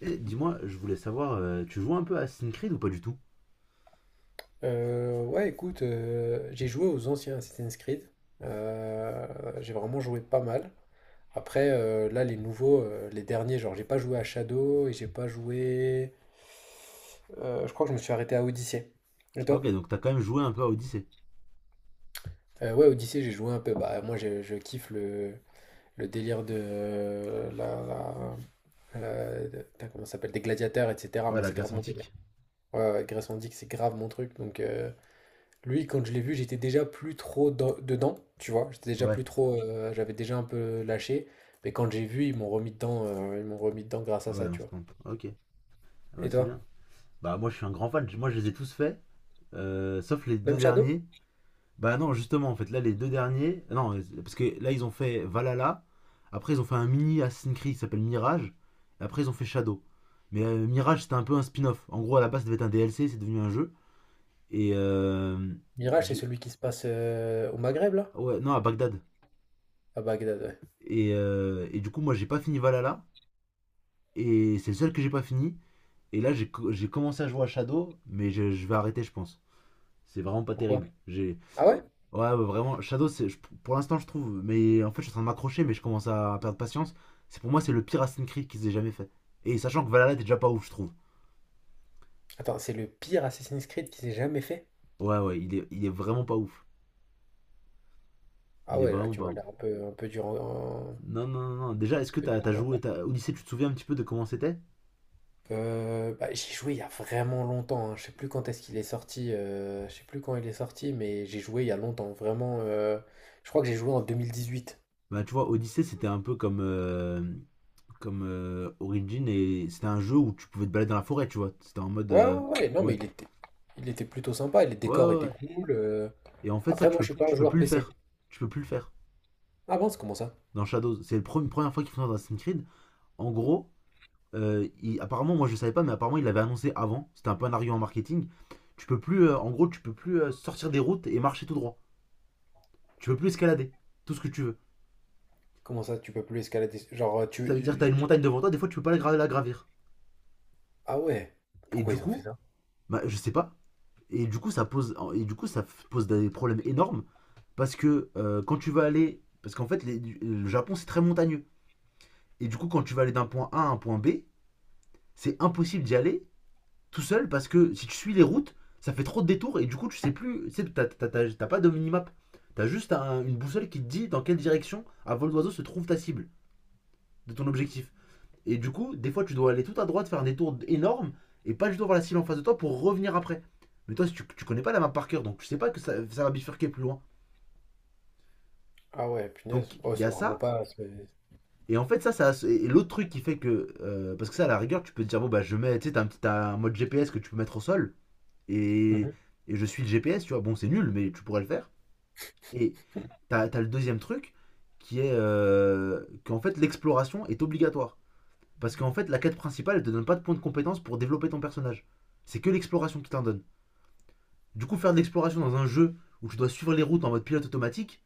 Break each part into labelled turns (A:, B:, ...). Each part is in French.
A: Et dis-moi, je voulais savoir, tu joues un peu à Assassin's Creed ou pas du tout.
B: Ouais, écoute, j'ai joué aux anciens Assassin's Creed. J'ai vraiment joué pas mal. Après, là, les nouveaux, les derniers, genre, j'ai pas joué à Shadow et j'ai pas joué. Je crois que je me suis arrêté à Odyssey. Et
A: Ok,
B: toi?
A: donc t'as quand même joué un peu à Odyssey.
B: Ouais, Odyssey, j'ai joué un peu. Bah, moi, je kiffe le délire de putain, comment ça s'appelle? Des gladiateurs, etc.
A: Ouais,
B: Moi,
A: la
B: c'est
A: Grèce
B: grave mon délire.
A: antique.
B: Ouais, ouais, Grèce antique, c'est grave mon truc. Donc, lui, quand je l'ai vu, j'étais déjà plus trop dedans, tu vois. J'étais déjà
A: Ouais,
B: plus trop, j'avais déjà un peu lâché. Mais quand j'ai vu, ils m'ont remis dedans grâce à
A: ouais,
B: ça, tu vois.
A: instant. Ok, ah bah,
B: Et
A: c'est
B: toi?
A: bien. Bah moi je suis un grand fan, moi je les ai tous faits, sauf les deux
B: Même Shadow?
A: derniers. Bah non, justement, en fait, là les deux derniers, non, parce que là ils ont fait Valhalla, après ils ont fait un mini Assassin's Creed qui s'appelle Mirage, et après ils ont fait Shadow. Mais Mirage c'était un peu un spin-off. En gros, à la base ça devait être un DLC, c'est devenu un jeu. Et
B: Mirage, c'est
A: j'ai-
B: celui qui se passe, au Maghreb, là?
A: ouais, non, à Bagdad.
B: À Bagdad, ouais.
A: Et du coup, moi, j'ai pas fini Valhalla. Et c'est le seul que j'ai pas fini. Et là, j'ai commencé à jouer à Shadow, mais je vais arrêter, je pense. C'est vraiment pas
B: Pourquoi?
A: terrible. J'ai
B: Ah ouais?
A: ouais, ouais, vraiment Shadow, pour l'instant, je trouve. Mais en fait, je suis en train de m'accrocher, mais je commence à perdre patience. C'est le pire Assassin's Creed qu'ils aient jamais fait. Et sachant que Valhalla était déjà pas ouf, je trouve.
B: Attends, c'est le pire Assassin's Creed qui s'est jamais fait?
A: Ouais, ouais, il est vraiment pas ouf.
B: Ah
A: Il est
B: ouais, là,
A: vraiment
B: tu
A: pas
B: m'as
A: ouf.
B: l'air un peu, un peu un
A: Non, non, non, non. Déjà, est-ce que
B: peu
A: t'as
B: dur
A: as
B: en
A: joué
B: affaire.
A: t'as- Odyssey, tu te souviens un petit peu de comment c'était?
B: Bah, j'y ai joué il y a vraiment longtemps, hein. Je sais plus quand est-ce qu'il est sorti. Je sais plus quand il est sorti, mais j'ai joué il y a longtemps. Vraiment, je crois que j'ai joué en 2018.
A: Bah, tu vois, Odyssey, c'était un peu comme, comme Origin, et c'était un jeu où tu pouvais te balader dans la forêt, tu vois. C'était en mode
B: Ouais, ouais, ouais, ouais, non, mais
A: ouais,
B: il était plutôt sympa. Les
A: ouais,
B: décors
A: ouais,
B: étaient
A: ouais.
B: cool.
A: Et en fait, ça,
B: Après, moi, je suis pas un
A: tu peux
B: joueur
A: plus le
B: PC.
A: faire. Tu peux plus le faire
B: Ah bon, c'est comment ça?
A: dans Shadows. C'est la première fois qu'ils font ça dans Assassin's Creed. En gros, apparemment, moi je savais pas, mais apparemment, il l'avait annoncé avant. C'était un peu un argument marketing. Tu peux plus, en gros, tu peux plus sortir des routes et marcher tout droit. Tu peux plus escalader tout ce que tu veux.
B: Comment ça, tu peux plus escalader? Genre, tu...
A: Ça veut dire que t'as
B: euh,
A: une montagne devant toi, des fois, tu peux pas la, gra- la gravir.
B: Ah ouais.
A: Et
B: Pourquoi
A: du
B: ils ont fait
A: coup,
B: ça?
A: bah, je sais pas. Et du coup, et du coup, pose des problèmes énormes. Parce que quand tu vas aller. Parce qu'en fait, le Japon, c'est très montagneux. Et du coup, quand tu vas aller d'un point A à un point B, c'est impossible d'y aller tout seul parce que si tu suis les routes, ça fait trop de détours et du coup, tu sais plus. Tu sais, t'as pas de minimap. T'as juste une boussole qui te dit dans quelle direction, à vol d'oiseau, se trouve ta cible de ton objectif. Et du coup, des fois, tu dois aller tout à droite, faire un détour énorme et pas juste voir la cible en face de toi pour revenir après. Mais toi, si tu connais pas la map par cœur, donc tu sais pas que ça va bifurquer plus loin.
B: Ah ouais, punaise.
A: Donc,
B: Oh,
A: il y a
B: c'est vraiment
A: ça.
B: pas...
A: Et en fait, ça et l'autre truc qui fait que parce que ça, à la rigueur, tu peux te dire, bon, bah, je mets. Tu sais, t'as un mode GPS que tu peux mettre au sol. Et,
B: Mhm.
A: et je suis le GPS, tu vois. Bon, c'est nul, mais tu pourrais le faire. Et t'as le deuxième truc qui est qu'en fait, l'exploration est obligatoire. Parce qu'en fait, la quête principale, elle te donne pas de points de compétence pour développer ton personnage. C'est que l'exploration qui t'en donne. Du coup, faire de l'exploration dans un jeu où tu dois suivre les routes en mode pilote automatique,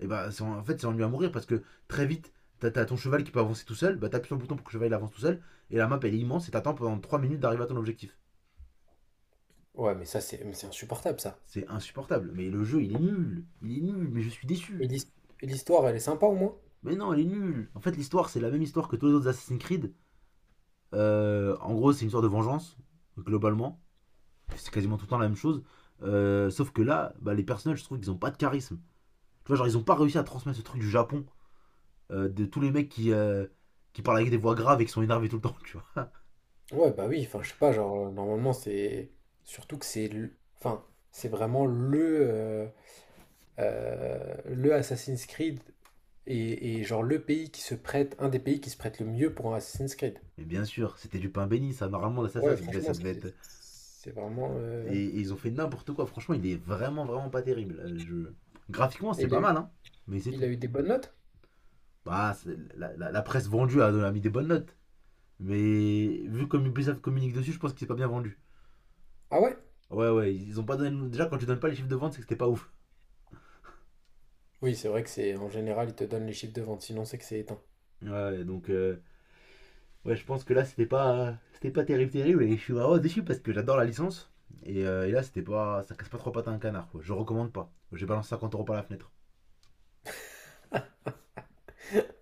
A: et bah en fait c'est ennuyeux à mourir parce que très vite t'as ton cheval qui peut avancer tout seul, bah t'appuies sur le bouton pour que le cheval il avance tout seul, et la map elle est immense et t'attends pendant 3 minutes d'arriver à ton objectif.
B: Ouais, mais ça, c'est insupportable, ça.
A: C'est insupportable, mais le jeu il est nul, mais je suis
B: Et
A: déçu.
B: l'his- et l'histoire, elle est sympa au moins?
A: Mais non, elle est nulle. En fait, l'histoire, c'est la même histoire que tous les autres Assassin's Creed. En gros, c'est une histoire de vengeance, globalement. C'est quasiment tout le temps la même chose. Sauf que là, bah, les personnages, je trouve qu'ils ont pas de charisme. Tu vois, genre, ils ont pas réussi à transmettre ce truc du Japon, de tous les mecs qui parlent avec des voix graves et qui sont énervés tout le temps, tu vois.
B: Ouais, bah oui, enfin, je sais pas, genre, normalement, c'est. Surtout que c'est... Enfin, c'est vraiment le Assassin's Creed et genre le pays qui se prête. Un des pays qui se prête le mieux pour un Assassin's Creed.
A: Mais bien sûr, c'était du pain béni, ça. Normalement,
B: Ouais,
A: ça
B: franchement,
A: devait
B: c'est
A: être.
B: c'est vraiment...
A: Et ils ont fait n'importe quoi. Franchement, vraiment pas terrible. Graphiquement,
B: Et
A: c'est
B: il a
A: pas
B: eu,
A: mal, hein. Mais c'est
B: il a
A: tout.
B: eu des bonnes notes?
A: Bah, la presse vendue a mis des bonnes notes. Mais vu comme Ubisoft communique dessus, je pense que c'est pas bien vendu.
B: Ah ouais?
A: Ouais, ouais, ils ont pas donné. Déjà, quand tu donnes pas les chiffres de vente, c'est que c'était pas ouf.
B: Oui, c'est vrai que c'est... En général, ils te donnent les chiffres de vente, sinon c'est que c'est éteint.
A: Ouais, ouais, donc ouais, je pense que là, c'était pas terrible, terrible. Et je suis vraiment déçu parce que j'adore la licence. Et là, c'était pas. Ça casse pas trois pattes à un canard, quoi. Je recommande pas. J'ai balancé 50 euros par la fenêtre.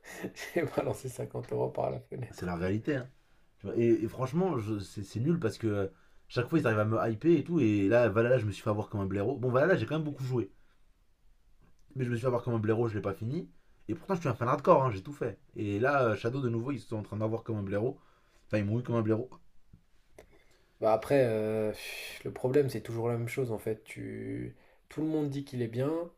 B: J'ai balancé 50 € par la
A: C'est
B: fenêtre.
A: la réalité, hein. Et franchement, c'est nul parce que chaque fois ils arrivent à me hyper et tout. Et là, Valhalla, je me suis fait avoir comme un blaireau. Bon, Valhalla, j'ai quand même beaucoup joué. Mais je me suis fait avoir comme un blaireau, je l'ai pas fini. Et pourtant, je suis un fan hardcore, hein, j'ai tout fait. Et là, Shadow, de nouveau, ils sont en train d'avoir comme un blaireau. Enfin, ils m'ont eu comme un blaireau.
B: Bah après, le problème, c'est toujours la même chose en fait. Tu Tout le monde dit qu'il est bien.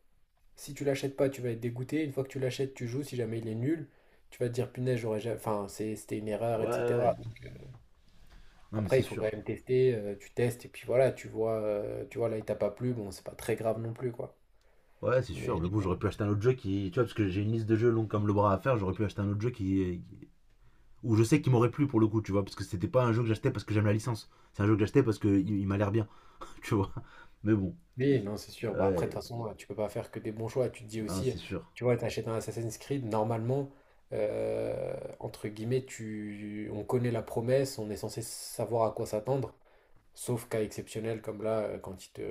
B: Si tu l'achètes pas, tu vas être dégoûté. Une fois que tu l'achètes, tu joues. Si jamais il est nul, tu vas te dire: «Punaise, j'aurais jamais enfin, c'était une erreur»
A: Ouais,
B: et
A: ouais, ouais.
B: cetera.
A: Non, mais
B: Après,
A: c'est
B: il faut
A: sûr.
B: quand même tester, tu testes et puis voilà, tu vois là, il t'a pas plu, bon, c'est pas très grave non plus, quoi.
A: Ouais, c'est sûr.
B: Mais
A: Mais bon, j'aurais pu acheter un autre jeu qui. Tu vois, parce que j'ai une liste de jeux longue comme le bras à faire, j'aurais pu acheter un autre jeu qui. Où je sais qu'il m'aurait plu pour le coup, tu vois. Parce que c'était pas un jeu que j'achetais parce que j'aime la licence. C'est un jeu que j'achetais parce qu'il m'a l'air bien, tu vois. Mais bon.
B: oui, non, c'est sûr. Bah, après, de toute
A: Ouais,
B: façon, tu peux pas faire que des bons choix. Tu te dis
A: non,
B: aussi,
A: c'est sûr.
B: tu vois, t'achètes un Assassin's Creed, normalement, entre guillemets, on connaît la promesse, on est censé savoir à quoi s'attendre, sauf cas exceptionnel comme là,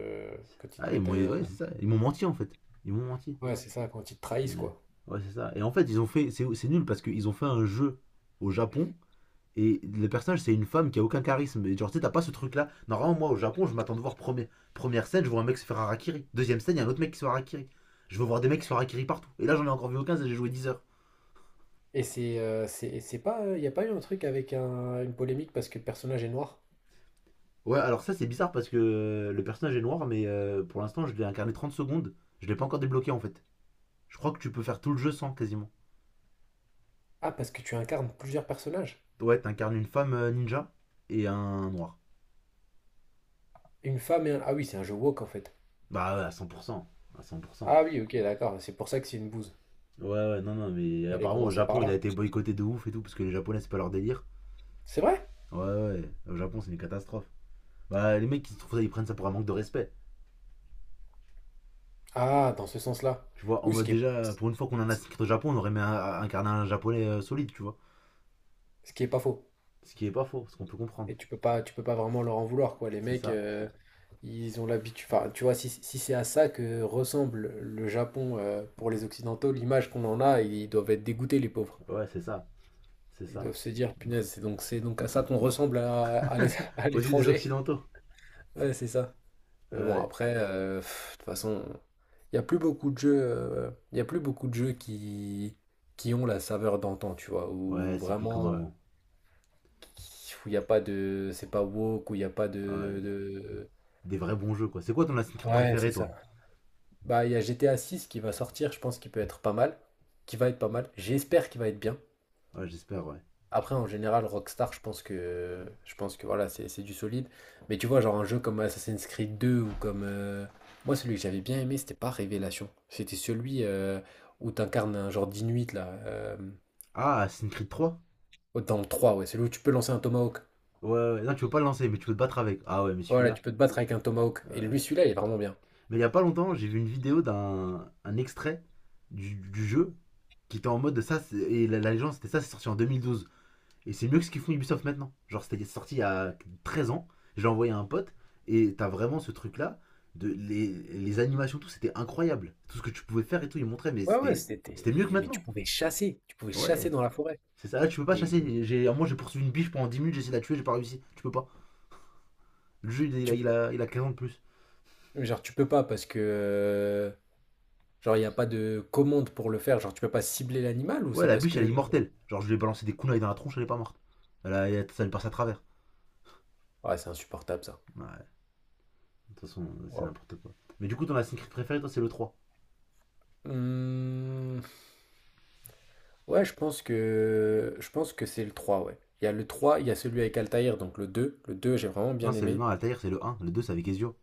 B: quand ils te
A: Ah,
B: mettent un...
A: ouais, c'est ça. Ils m'ont menti en fait. Ils m'ont menti.
B: Ouais, c'est ça, quand ils te trahissent,
A: Mais-
B: quoi.
A: Ouais, c'est ça. Et en fait, ils ont fait. C'est nul parce qu'ils ont fait un jeu au Japon et le personnage, c'est une femme qui a aucun charisme. Et genre, tu sais, t'as pas ce truc là. Normalement, moi au Japon, je m'attends de voir premier, première scène, je vois un mec se faire harakiri. Deuxième scène, il y a un autre mec qui se fait harakiri. Je veux voir des mecs qui se font harakiri partout. Et là, j'en ai encore vu aucun, et j'ai joué 10 heures.
B: Et c'est pas, il n'y a pas eu un truc avec une polémique parce que le personnage est noir?
A: Ouais, alors ça, c'est bizarre parce que le personnage est noir, mais pour l'instant, je l'ai incarné 30 secondes. Je l'ai pas encore débloqué en fait. Je crois que tu peux faire tout le jeu sans quasiment.
B: Ah, parce que tu incarnes plusieurs personnages?
A: Ouais, t'incarnes une femme ninja et un noir.
B: Une femme et un... Ah oui, c'est un jeu woke, en fait.
A: Bah ouais, à 100%. À 100%.
B: Ah oui, ok, d'accord, c'est pour ça que c'est une bouse.
A: Ouais, ouais, non, non, mais
B: Fallait
A: apparemment au
B: commencer par
A: Japon, il a
B: là.
A: été boycotté de ouf et tout, parce que les Japonais, c'est pas leur délire.
B: C'est vrai?
A: Ouais, ouais, au Japon, c'est une catastrophe. Bah, les mecs, qui se trouvent ça, ils prennent ça pour un manque de respect.
B: Ah, dans ce sens-là.
A: Tu vois, en
B: Oui,
A: mode déjà, pour une fois qu'on en a six au Japon, on aurait mis un carnet japonais solide, tu vois.
B: ce qui est pas faux.
A: Ce qui est pas faux, ce qu'on peut comprendre.
B: Et tu peux pas vraiment leur en vouloir, quoi. Les
A: C'est
B: mecs,
A: ça.
B: ils ont l'habitude. Enfin, tu vois, si c'est à ça que ressemble le Japon, pour les Occidentaux, l'image qu'on en a, ils doivent être dégoûtés, les pauvres.
A: Ouais, c'est ça. C'est
B: Ils
A: ça.
B: doivent se dire, punaise, c'est donc à ça qu'on ressemble à
A: Aux yeux des
B: l'étranger.
A: Occidentaux.
B: Ouais, c'est ça.
A: Ouais.
B: Mais bon,
A: Ouais,
B: après, pff, de toute façon, il y a plus beaucoup de jeux qui ont la saveur d'antan, tu vois, ou
A: ouais, c'est plus comme
B: vraiment...
A: avant.
B: où il n'y a pas de... C'est pas woke, où il n'y a pas
A: Ouais. Des vrais bons jeux, quoi. C'est quoi ton Assassin's Creed
B: Ouais,
A: préféré,
B: c'est ça.
A: toi?
B: Bah, il y a GTA 6 qui va sortir, je pense qu'il peut être pas mal. Qui va être pas mal. J'espère qu'il va être bien.
A: Ouais, j'espère, ouais.
B: Après, en général, Rockstar, Je pense que voilà, c'est du solide. Mais tu vois, genre un jeu comme Assassin's Creed 2 ou comme... Moi, celui que j'avais bien aimé, c'était pas Révélation. C'était celui, où t'incarnes un genre d'Inuit, là.
A: Ah, Assassin's Creed 3.
B: Dans le 3, ouais. Celui où tu peux lancer un Tomahawk.
A: Ouais, ouais, ouais. Non, tu peux pas le lancer, mais tu peux te battre avec. Ah ouais, mais
B: Voilà, tu
A: celui-là.
B: peux te battre avec un Tomahawk. Et
A: euh,
B: lui, celui-là, il est vraiment bien.
A: Mais il y a pas longtemps, j'ai vu une vidéo d'un extrait du jeu qui était en mode de et la légende c'était ça, c'est sorti en 2012. Et c'est mieux que ce qu'ils font Ubisoft maintenant. Genre, c'était sorti il y a 13 ans, j'ai envoyé à un pote, et t'as vraiment ce truc-là, de les animations, tout, c'était incroyable. Tout ce que tu pouvais faire et tout, ils montraient, mais
B: Ouais, ouais, c'était
A: c'était mieux que
B: mais tu
A: maintenant.
B: pouvais chasser,
A: Ouais,
B: dans la forêt.
A: c'est ça, là, tu peux pas
B: Et
A: chasser. J'ai poursuivi une biche pendant 10 minutes, j'ai essayé de la tuer, j'ai pas réussi. Tu peux pas. Le jeu,
B: tu
A: il a 15 ans de plus.
B: genre tu peux pas parce que, genre il n'y a pas de commande pour le faire, genre tu peux pas cibler l'animal ou
A: Ouais,
B: c'est
A: la
B: parce
A: biche, elle est
B: que...
A: immortelle. Genre, je lui ai balancé des kunai dans la tronche, elle est pas morte. Ça lui passe à travers.
B: ouais, c'est insupportable, ça.
A: Ouais, de toute façon, c'est
B: Waouh.
A: n'importe quoi. Mais du coup, ton Assassin's Creed préféré, toi, c'est le 3.
B: Hum. Ouais, je pense que c'est le trois, ouais. Il y a le trois, il y a celui avec Altaïr, donc le deux, j'ai vraiment bien aimé.
A: Non, Altair, c'est le un. Le 2, c'est avec Ezio.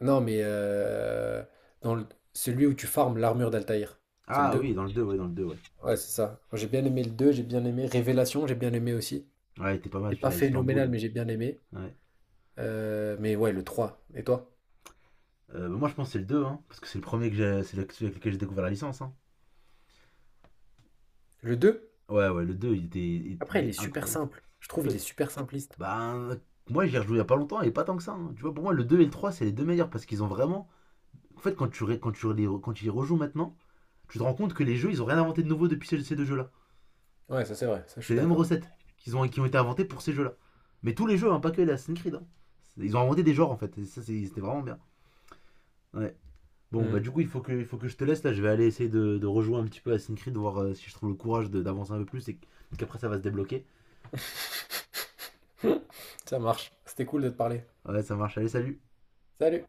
B: Non, mais dans le- celui où tu farmes l'armure d'Altaïr, c'est le
A: Ah
B: deux.
A: oui, dans le 2, ouais, dans le 2, ouais.
B: Ouais, c'est ça. Moi, j'ai bien aimé le deux, j'ai bien aimé Révélation, j'ai bien aimé aussi.
A: Ouais, il était pas
B: C'est
A: mal
B: pas
A: celui-là,
B: phénoménal,
A: Istanbul.
B: mais j'ai bien aimé.
A: Ouais.
B: Mais ouais, le 3. Et toi?
A: Bah, moi, je pense que c'est le 2, hein. Parce que c'est le premier que j'ai, celui avec lequel j'ai découvert la licence, hein.
B: Le deux.
A: Ouais, ouais, le 2,
B: Après,
A: il
B: il
A: est
B: est super
A: incroyable.
B: simple. Je
A: En
B: trouve il est
A: fait,
B: super simpliste.
A: bah, moi, j'ai ai rejoué il y a pas longtemps et pas tant que ça, hein. Tu vois, pour moi, le 2 et le 3, c'est les deux meilleurs parce qu'ils ont vraiment. En fait, quand tu y rejoues maintenant, tu te rends compte que les jeux, ils ont rien inventé de nouveau depuis ces, deux jeux-là.
B: Ouais, ça c'est vrai, ça je
A: C'est
B: suis
A: les mêmes
B: d'accord.
A: recettes qui ont été inventées pour ces jeux-là. Mais tous les jeux, hein, pas que les Assassin's Creed, hein. Ils ont inventé des genres en fait, et ça c'était vraiment bien. Ouais. Bon, bah
B: Mm.
A: du coup, il faut que je te laisse là, je vais aller essayer de rejouer un petit peu à Assassin's Creed, voir si je trouve le courage d'avancer un peu plus et qu'après ça va se débloquer.
B: Ça marche. C'était cool de te parler.
A: Ouais, ça marche, allez, salut!
B: Salut!